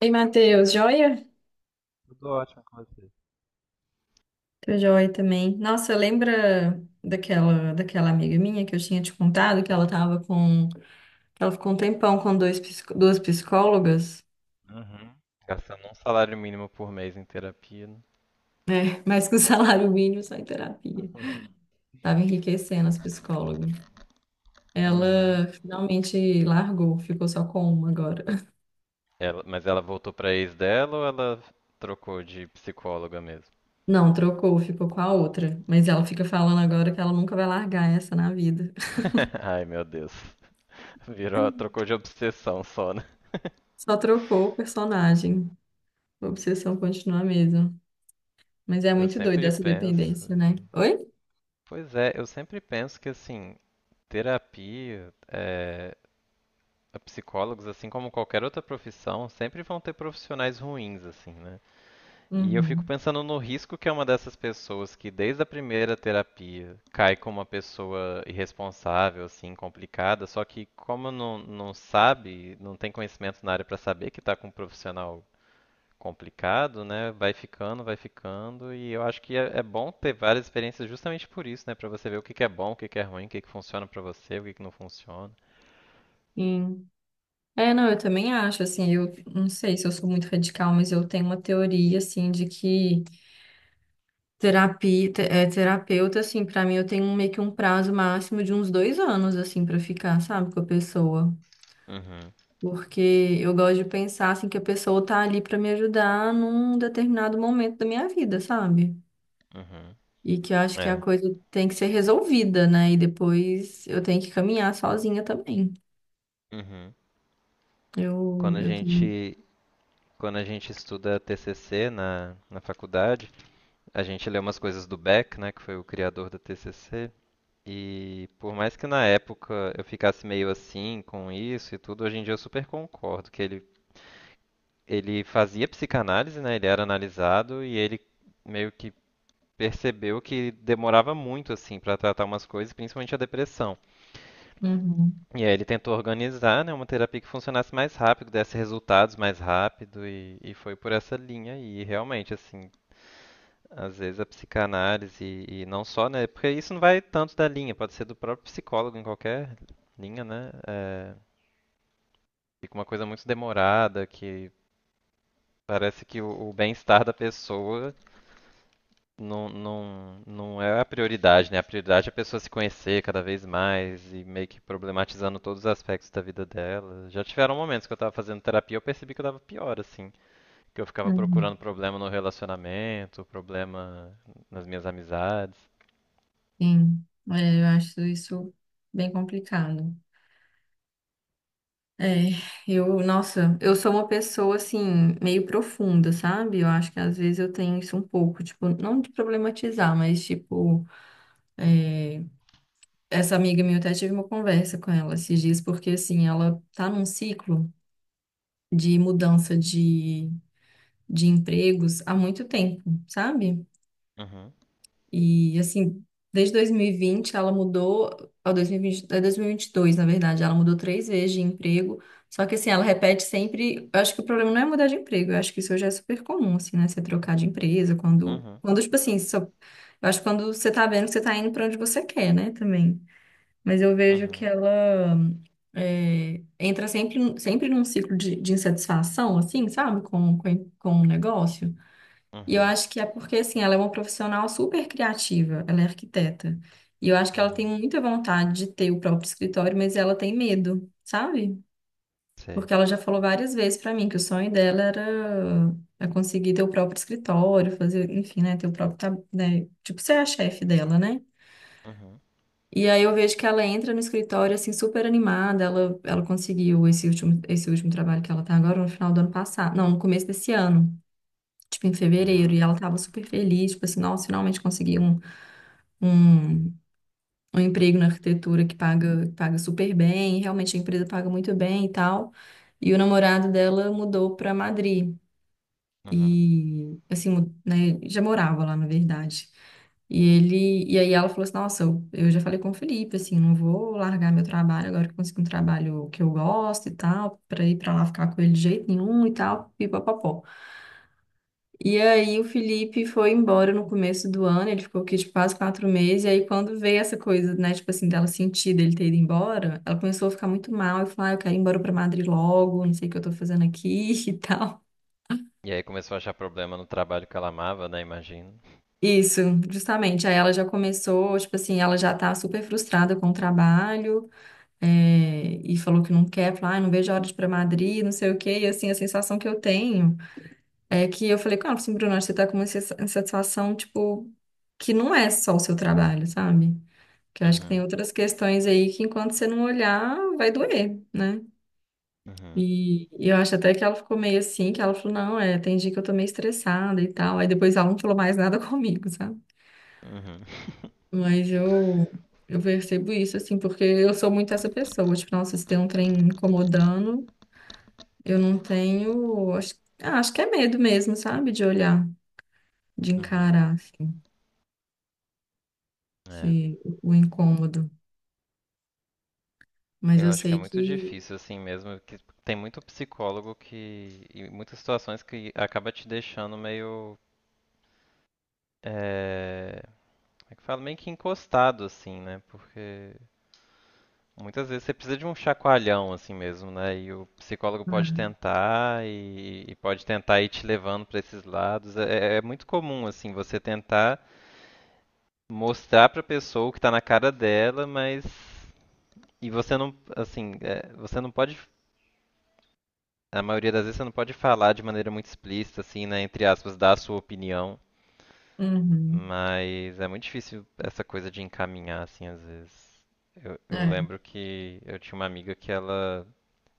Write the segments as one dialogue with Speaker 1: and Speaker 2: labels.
Speaker 1: Ei, Matheus, joia?
Speaker 2: Eu tô ótimo com você.
Speaker 1: Tô joia também. Nossa, lembra daquela amiga minha que eu tinha te contado que ela tava com, ela ficou um tempão com duas psicólogas,
Speaker 2: Uhum. Gastando um salário mínimo por mês em terapia, né?
Speaker 1: mas com salário mínimo só em terapia. Tava enriquecendo as psicólogas.
Speaker 2: Uhum.
Speaker 1: Ela finalmente largou, ficou só com uma agora.
Speaker 2: Mas ela voltou pra ex dela ou ela trocou de psicóloga mesmo?
Speaker 1: Não, trocou, ficou com a outra, mas ela fica falando agora que ela nunca vai largar essa na vida.
Speaker 2: Ai, meu Deus. Virou, trocou de obsessão só, né?
Speaker 1: Só trocou o personagem. A obsessão continua a mesma. Mas é
Speaker 2: Eu
Speaker 1: muito doido
Speaker 2: sempre
Speaker 1: essa
Speaker 2: penso.
Speaker 1: dependência, né? Oi?
Speaker 2: Pois é, eu sempre penso que assim, terapia, psicólogos, assim como qualquer outra profissão, sempre vão ter profissionais ruins, assim, né? E eu fico
Speaker 1: Uhum.
Speaker 2: pensando no risco que é uma dessas pessoas que desde a primeira terapia cai como uma pessoa irresponsável, assim, complicada, só que como não, não sabe, não tem conhecimento na área para saber que está com um profissional complicado, né? Vai ficando, e eu acho que é, é bom ter várias experiências justamente por isso, né? Para você ver o que que é bom, o que que é ruim, o que que funciona para você, o que que não funciona.
Speaker 1: Sim. É, não, eu também acho, assim, eu não sei se eu sou muito radical, mas eu tenho uma teoria, assim, de que é, terapeuta, assim, pra mim eu tenho meio que um prazo máximo de uns dois anos, assim, pra ficar, sabe, com a pessoa.
Speaker 2: Uhum,
Speaker 1: Porque eu gosto de pensar, assim, que a pessoa tá ali pra me ajudar num determinado momento da minha vida, sabe?
Speaker 2: uhum.
Speaker 1: E que eu acho que a
Speaker 2: É.
Speaker 1: coisa tem que ser resolvida, né? E depois eu tenho que caminhar sozinha também.
Speaker 2: Uhum.
Speaker 1: Eu,
Speaker 2: Quando a
Speaker 1: eu tenho.
Speaker 2: gente Quando a gente estuda TCC na faculdade, a gente lê umas coisas do Beck, né, que foi o criador da TCC, e por mais que na época eu ficasse meio assim com isso e tudo, hoje em dia eu super concordo que ele fazia psicanálise, né, ele era analisado e ele meio que percebeu que demorava muito assim para tratar umas coisas, principalmente a depressão.
Speaker 1: Uhum,
Speaker 2: E aí ele tentou organizar, né, uma terapia que funcionasse mais rápido, desse resultados mais rápido e foi por essa linha e realmente assim. Às vezes a psicanálise e não só, né? Porque isso não vai tanto da linha, pode ser do próprio psicólogo em qualquer linha, né? É, fica uma coisa muito demorada que parece que o bem-estar da pessoa não, não, não é a prioridade, né? A prioridade é a pessoa se conhecer cada vez mais e meio que problematizando todos os aspectos da vida dela. Já tiveram momentos que eu tava fazendo terapia e eu percebi que eu tava pior, assim. Que eu ficava
Speaker 1: uhum,
Speaker 2: procurando problema no relacionamento, problema nas minhas amizades.
Speaker 1: sim. É, eu acho isso bem complicado. É, eu, nossa, eu sou uma pessoa assim, meio profunda, sabe? Eu acho que às vezes eu tenho isso um pouco, tipo, não de problematizar, mas tipo, é, essa amiga minha, eu até tive uma conversa com ela esses dias, porque assim, ela tá num ciclo de mudança de empregos há muito tempo, sabe?
Speaker 2: Uhum,
Speaker 1: E assim, desde 2020, é 2022, na verdade, ela mudou 3 vezes de emprego. Só que assim, ela repete sempre, eu acho que o problema não é mudar de emprego, eu acho que isso já é super comum, assim, né? Você trocar de empresa quando,
Speaker 2: uhum.
Speaker 1: quando tipo assim, só, eu acho que quando você tá vendo que você tá indo pra onde você quer, né, também. Mas eu vejo que
Speaker 2: Uhum,
Speaker 1: ela é, entra sempre, sempre num ciclo de insatisfação, assim, sabe, com o negócio. E eu
Speaker 2: uhum,
Speaker 1: acho que é porque, assim, ela é uma profissional super criativa, ela é arquiteta. E eu acho que ela tem
Speaker 2: uhum.
Speaker 1: muita vontade de ter o próprio escritório, mas ela tem medo, sabe?
Speaker 2: Sei.
Speaker 1: Porque ela já falou várias vezes pra mim que o sonho dela era é conseguir ter o próprio escritório, fazer, enfim, né, ter o próprio, né, tipo, ser a chefe dela, né?
Speaker 2: Uhum,
Speaker 1: E aí eu vejo que ela entra no escritório, assim, super animada, ela conseguiu esse último trabalho que ela tá agora no final do ano passado, não, no começo desse ano tipo, em fevereiro,
Speaker 2: uhum,
Speaker 1: e ela tava super feliz, tipo assim, nossa, finalmente consegui um, um emprego na arquitetura que paga super bem, e realmente a empresa paga muito bem e tal. E o namorado dela mudou pra Madrid,
Speaker 2: uhum.
Speaker 1: e, assim, né, já morava lá, na verdade. E ele, e aí ela falou assim, nossa, eu já falei com o Felipe, assim, não vou largar meu trabalho agora que eu consegui um trabalho que eu gosto e tal, pra ir pra lá ficar com ele de jeito nenhum e tal, pipapopó. E aí o Felipe foi embora no começo do ano, ele ficou aqui de quase 4 meses, e aí quando veio essa coisa, né, tipo assim, dela sentir dele ter ido embora, ela começou a ficar muito mal e falou, ah, eu quero ir embora pra Madrid logo, não sei o que eu tô fazendo aqui e tal.
Speaker 2: E aí começou a achar problema no trabalho que ela amava, né? Imagino.
Speaker 1: Isso, justamente. Aí ela já começou, tipo assim, ela já tá super frustrada com o trabalho, é, e falou que não quer, falou, ah, não vejo a hora de ir pra Madrid, não sei o quê, e assim, a sensação que eu tenho. É que eu falei com ela, assim, Bruna, você tá com uma insatisfação, tipo, que não é só o seu trabalho, sabe? Que eu acho que tem
Speaker 2: Uhum,
Speaker 1: outras questões aí que enquanto você não olhar, vai doer, né?
Speaker 2: uhum,
Speaker 1: E eu acho até que ela ficou meio assim, que ela falou, não, é, tem dia que eu tô meio estressada e tal. Aí depois ela não falou mais nada comigo, sabe?
Speaker 2: uhum.
Speaker 1: Mas eu percebo isso, assim, porque eu sou muito essa pessoa. Tipo, nossa, se tem um trem me incomodando, eu não tenho. Acho, ah, acho que é medo mesmo, sabe? De olhar, de
Speaker 2: Uhum.
Speaker 1: encarar. Assim."
Speaker 2: É.
Speaker 1: O incômodo. Mas
Speaker 2: Eu
Speaker 1: eu
Speaker 2: acho que é
Speaker 1: sei
Speaker 2: muito
Speaker 1: que.
Speaker 2: difícil, assim mesmo, que tem muito psicólogo que, e muitas situações que acaba te deixando meio. É, como é que fala? Meio que encostado, assim, né? Porque muitas vezes você precisa de um chacoalhão assim mesmo, né? E o psicólogo pode
Speaker 1: É.
Speaker 2: tentar e pode tentar ir te levando para esses lados. É, é muito comum assim você tentar mostrar para a pessoa o que está na cara dela, mas e você não assim você não pode, a maioria das vezes você não pode falar de maneira muito explícita assim, né? Entre aspas, dar a sua opinião,
Speaker 1: Uhum.
Speaker 2: mas é muito difícil essa coisa de encaminhar assim às vezes. Eu
Speaker 1: É.
Speaker 2: lembro que eu tinha uma amiga que ela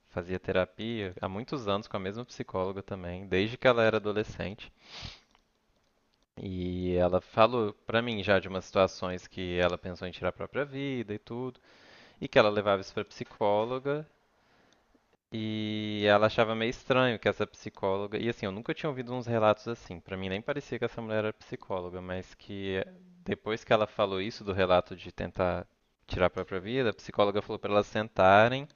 Speaker 2: fazia terapia há muitos anos com a mesma psicóloga também, desde que ela era adolescente. E ela falou pra mim já de umas situações que ela pensou em tirar a própria vida e tudo, e que ela levava isso pra psicóloga, e ela achava meio estranho que essa psicóloga, e assim, eu nunca tinha ouvido uns relatos assim, pra mim nem parecia que essa mulher era psicóloga, mas que depois que ela falou isso do relato de tentar tirar a própria vida, a psicóloga falou pra elas sentarem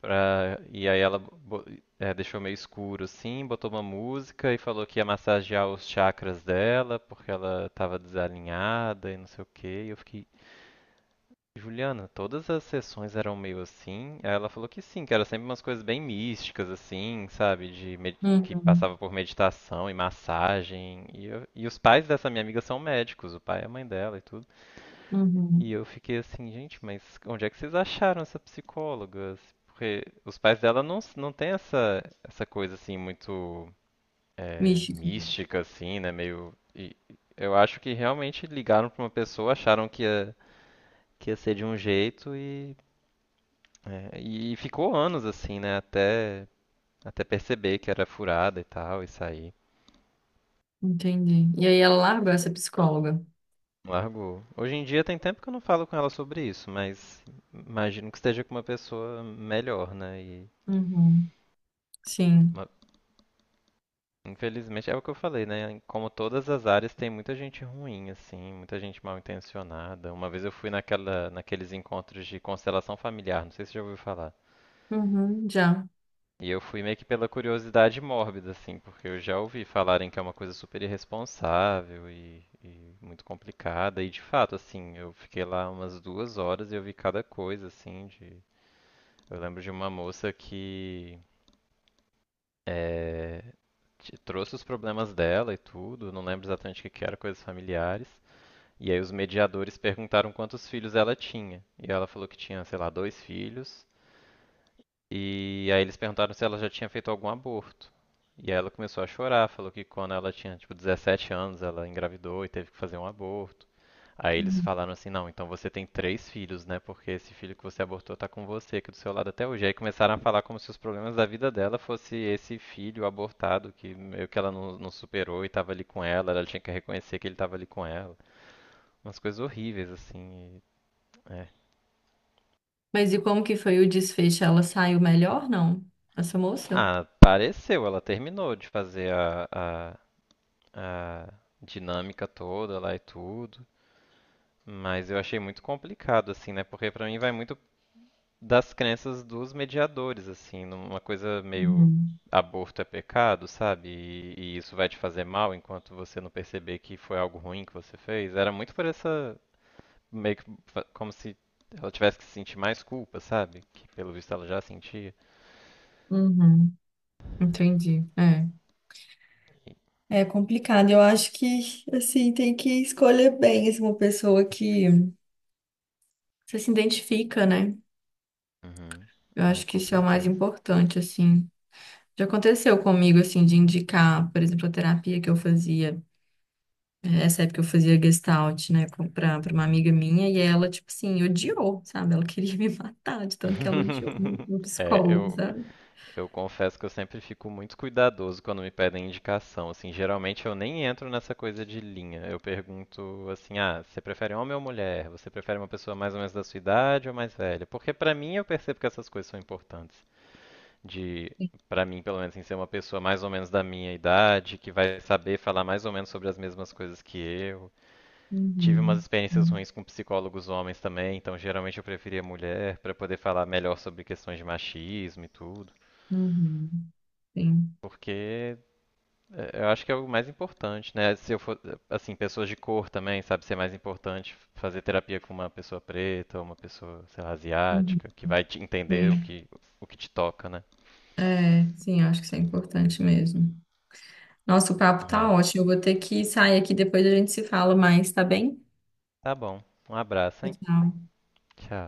Speaker 2: pra. E aí ela deixou meio escuro assim, botou uma música e falou que ia massagear os chakras dela porque ela tava desalinhada e não sei o quê. E eu fiquei, Juliana, todas as sessões eram meio assim? Aí ela falou que sim, que era sempre umas coisas bem místicas assim, sabe? Que passava
Speaker 1: Uhum.
Speaker 2: por meditação e massagem. E os pais dessa minha amiga são médicos, o pai e a mãe dela e tudo.
Speaker 1: Uhum.
Speaker 2: E eu fiquei assim, gente, mas onde é que vocês acharam essa psicóloga? Porque os pais dela não, não tem essa, coisa assim muito
Speaker 1: Místico.
Speaker 2: mística, assim, né? Meio. E eu acho que realmente ligaram pra uma pessoa, acharam que ia ser de um jeito e, é, e ficou anos assim, né? Até perceber que era furada e tal, e sair.
Speaker 1: Entendi. E aí ela largou essa psicóloga.
Speaker 2: Largou. Hoje em dia tem tempo que eu não falo com ela sobre isso, mas imagino que esteja com uma pessoa melhor, né? E
Speaker 1: Uhum. Sim.
Speaker 2: uma. Infelizmente é o que eu falei, né? Como todas as áreas tem muita gente ruim, assim, muita gente mal intencionada. Uma vez eu fui naquela, naqueles encontros de constelação familiar, não sei se você já ouviu falar.
Speaker 1: Uhum. Já.
Speaker 2: E eu fui meio que pela curiosidade mórbida, assim, porque eu já ouvi falarem que é uma coisa super irresponsável e muito complicada. E de fato, assim, eu fiquei lá umas duas horas e eu vi cada coisa, assim, de. Eu lembro de uma moça que, é, trouxe os problemas dela e tudo, não lembro exatamente o que que era, coisas familiares. E aí os mediadores perguntaram quantos filhos ela tinha. E ela falou que tinha, sei lá, dois filhos. E aí eles perguntaram se ela já tinha feito algum aborto. E aí ela começou a chorar, falou que quando ela tinha, tipo, 17 anos, ela engravidou e teve que fazer um aborto. Aí eles
Speaker 1: Uhum.
Speaker 2: falaram assim, não, então você tem três filhos, né? Porque esse filho que você abortou tá com você aqui do seu lado até hoje. Aí começaram a falar como se os problemas da vida dela fosse esse filho abortado que meio que ela não, não superou e tava ali com ela, ela tinha que reconhecer que ele tava ali com ela. Umas coisas horríveis, assim. É.
Speaker 1: Mas e como que foi o desfecho? Ela saiu melhor, não? Essa moça?
Speaker 2: Ah, pareceu, ela terminou de fazer a dinâmica toda lá e tudo. Mas eu achei muito complicado, assim, né? Porque pra mim vai muito das crenças dos mediadores, assim, numa coisa meio
Speaker 1: Uhum.
Speaker 2: aborto é pecado, sabe? E isso vai te fazer mal enquanto você não perceber que foi algo ruim que você fez. Era muito por essa, meio que como se ela tivesse que sentir mais culpa, sabe? Que pelo visto ela já sentia.
Speaker 1: Uhum. Entendi. É.
Speaker 2: E-
Speaker 1: É complicado. Eu acho que, assim, tem que escolher bem, assim, uma pessoa que. Você se identifica, né?
Speaker 2: Uhum.
Speaker 1: Eu
Speaker 2: É,
Speaker 1: acho que
Speaker 2: com
Speaker 1: isso é o mais
Speaker 2: certeza.
Speaker 1: importante, assim. Já aconteceu comigo, assim, de indicar, por exemplo, a terapia que eu fazia, eh, essa época eu fazia Gestalt, né, pra, pra uma amiga minha, e ela, tipo assim, odiou, sabe? Ela queria me matar de tanto que ela odiou o
Speaker 2: É,
Speaker 1: psicólogo,
Speaker 2: eu,
Speaker 1: sabe?
Speaker 2: Eu confesso que eu sempre fico muito cuidadoso quando me pedem indicação. Assim, geralmente eu nem entro nessa coisa de linha. Eu pergunto assim: ah, você prefere homem ou mulher? Você prefere uma pessoa mais ou menos da sua idade ou mais velha? Porque pra mim eu percebo que essas coisas são importantes. De, pra mim, pelo menos, assim, ser uma pessoa mais ou menos da minha idade, que vai saber falar mais ou menos sobre as mesmas coisas que eu. Tive umas
Speaker 1: Uhum,
Speaker 2: experiências
Speaker 1: uhum,
Speaker 2: ruins com psicólogos homens também, então geralmente eu preferia mulher pra poder falar melhor sobre questões de machismo e tudo.
Speaker 1: uhum, sim,
Speaker 2: Porque, é, eu acho que é o mais importante, né? Se eu for, assim, pessoas de cor também, sabe, ser mais importante fazer terapia com uma pessoa preta ou uma pessoa, sei lá,
Speaker 1: uhum,
Speaker 2: asiática, que vai te entender o
Speaker 1: sim.
Speaker 2: que, o que te toca, né?
Speaker 1: É, sim, eu acho que isso é importante mesmo. Nossa, o papo tá
Speaker 2: É.
Speaker 1: ótimo, eu vou ter que sair aqui, depois a gente se fala mais, tá bem?
Speaker 2: Tá bom. Um abraço, hein?
Speaker 1: Tchau.
Speaker 2: Tchau.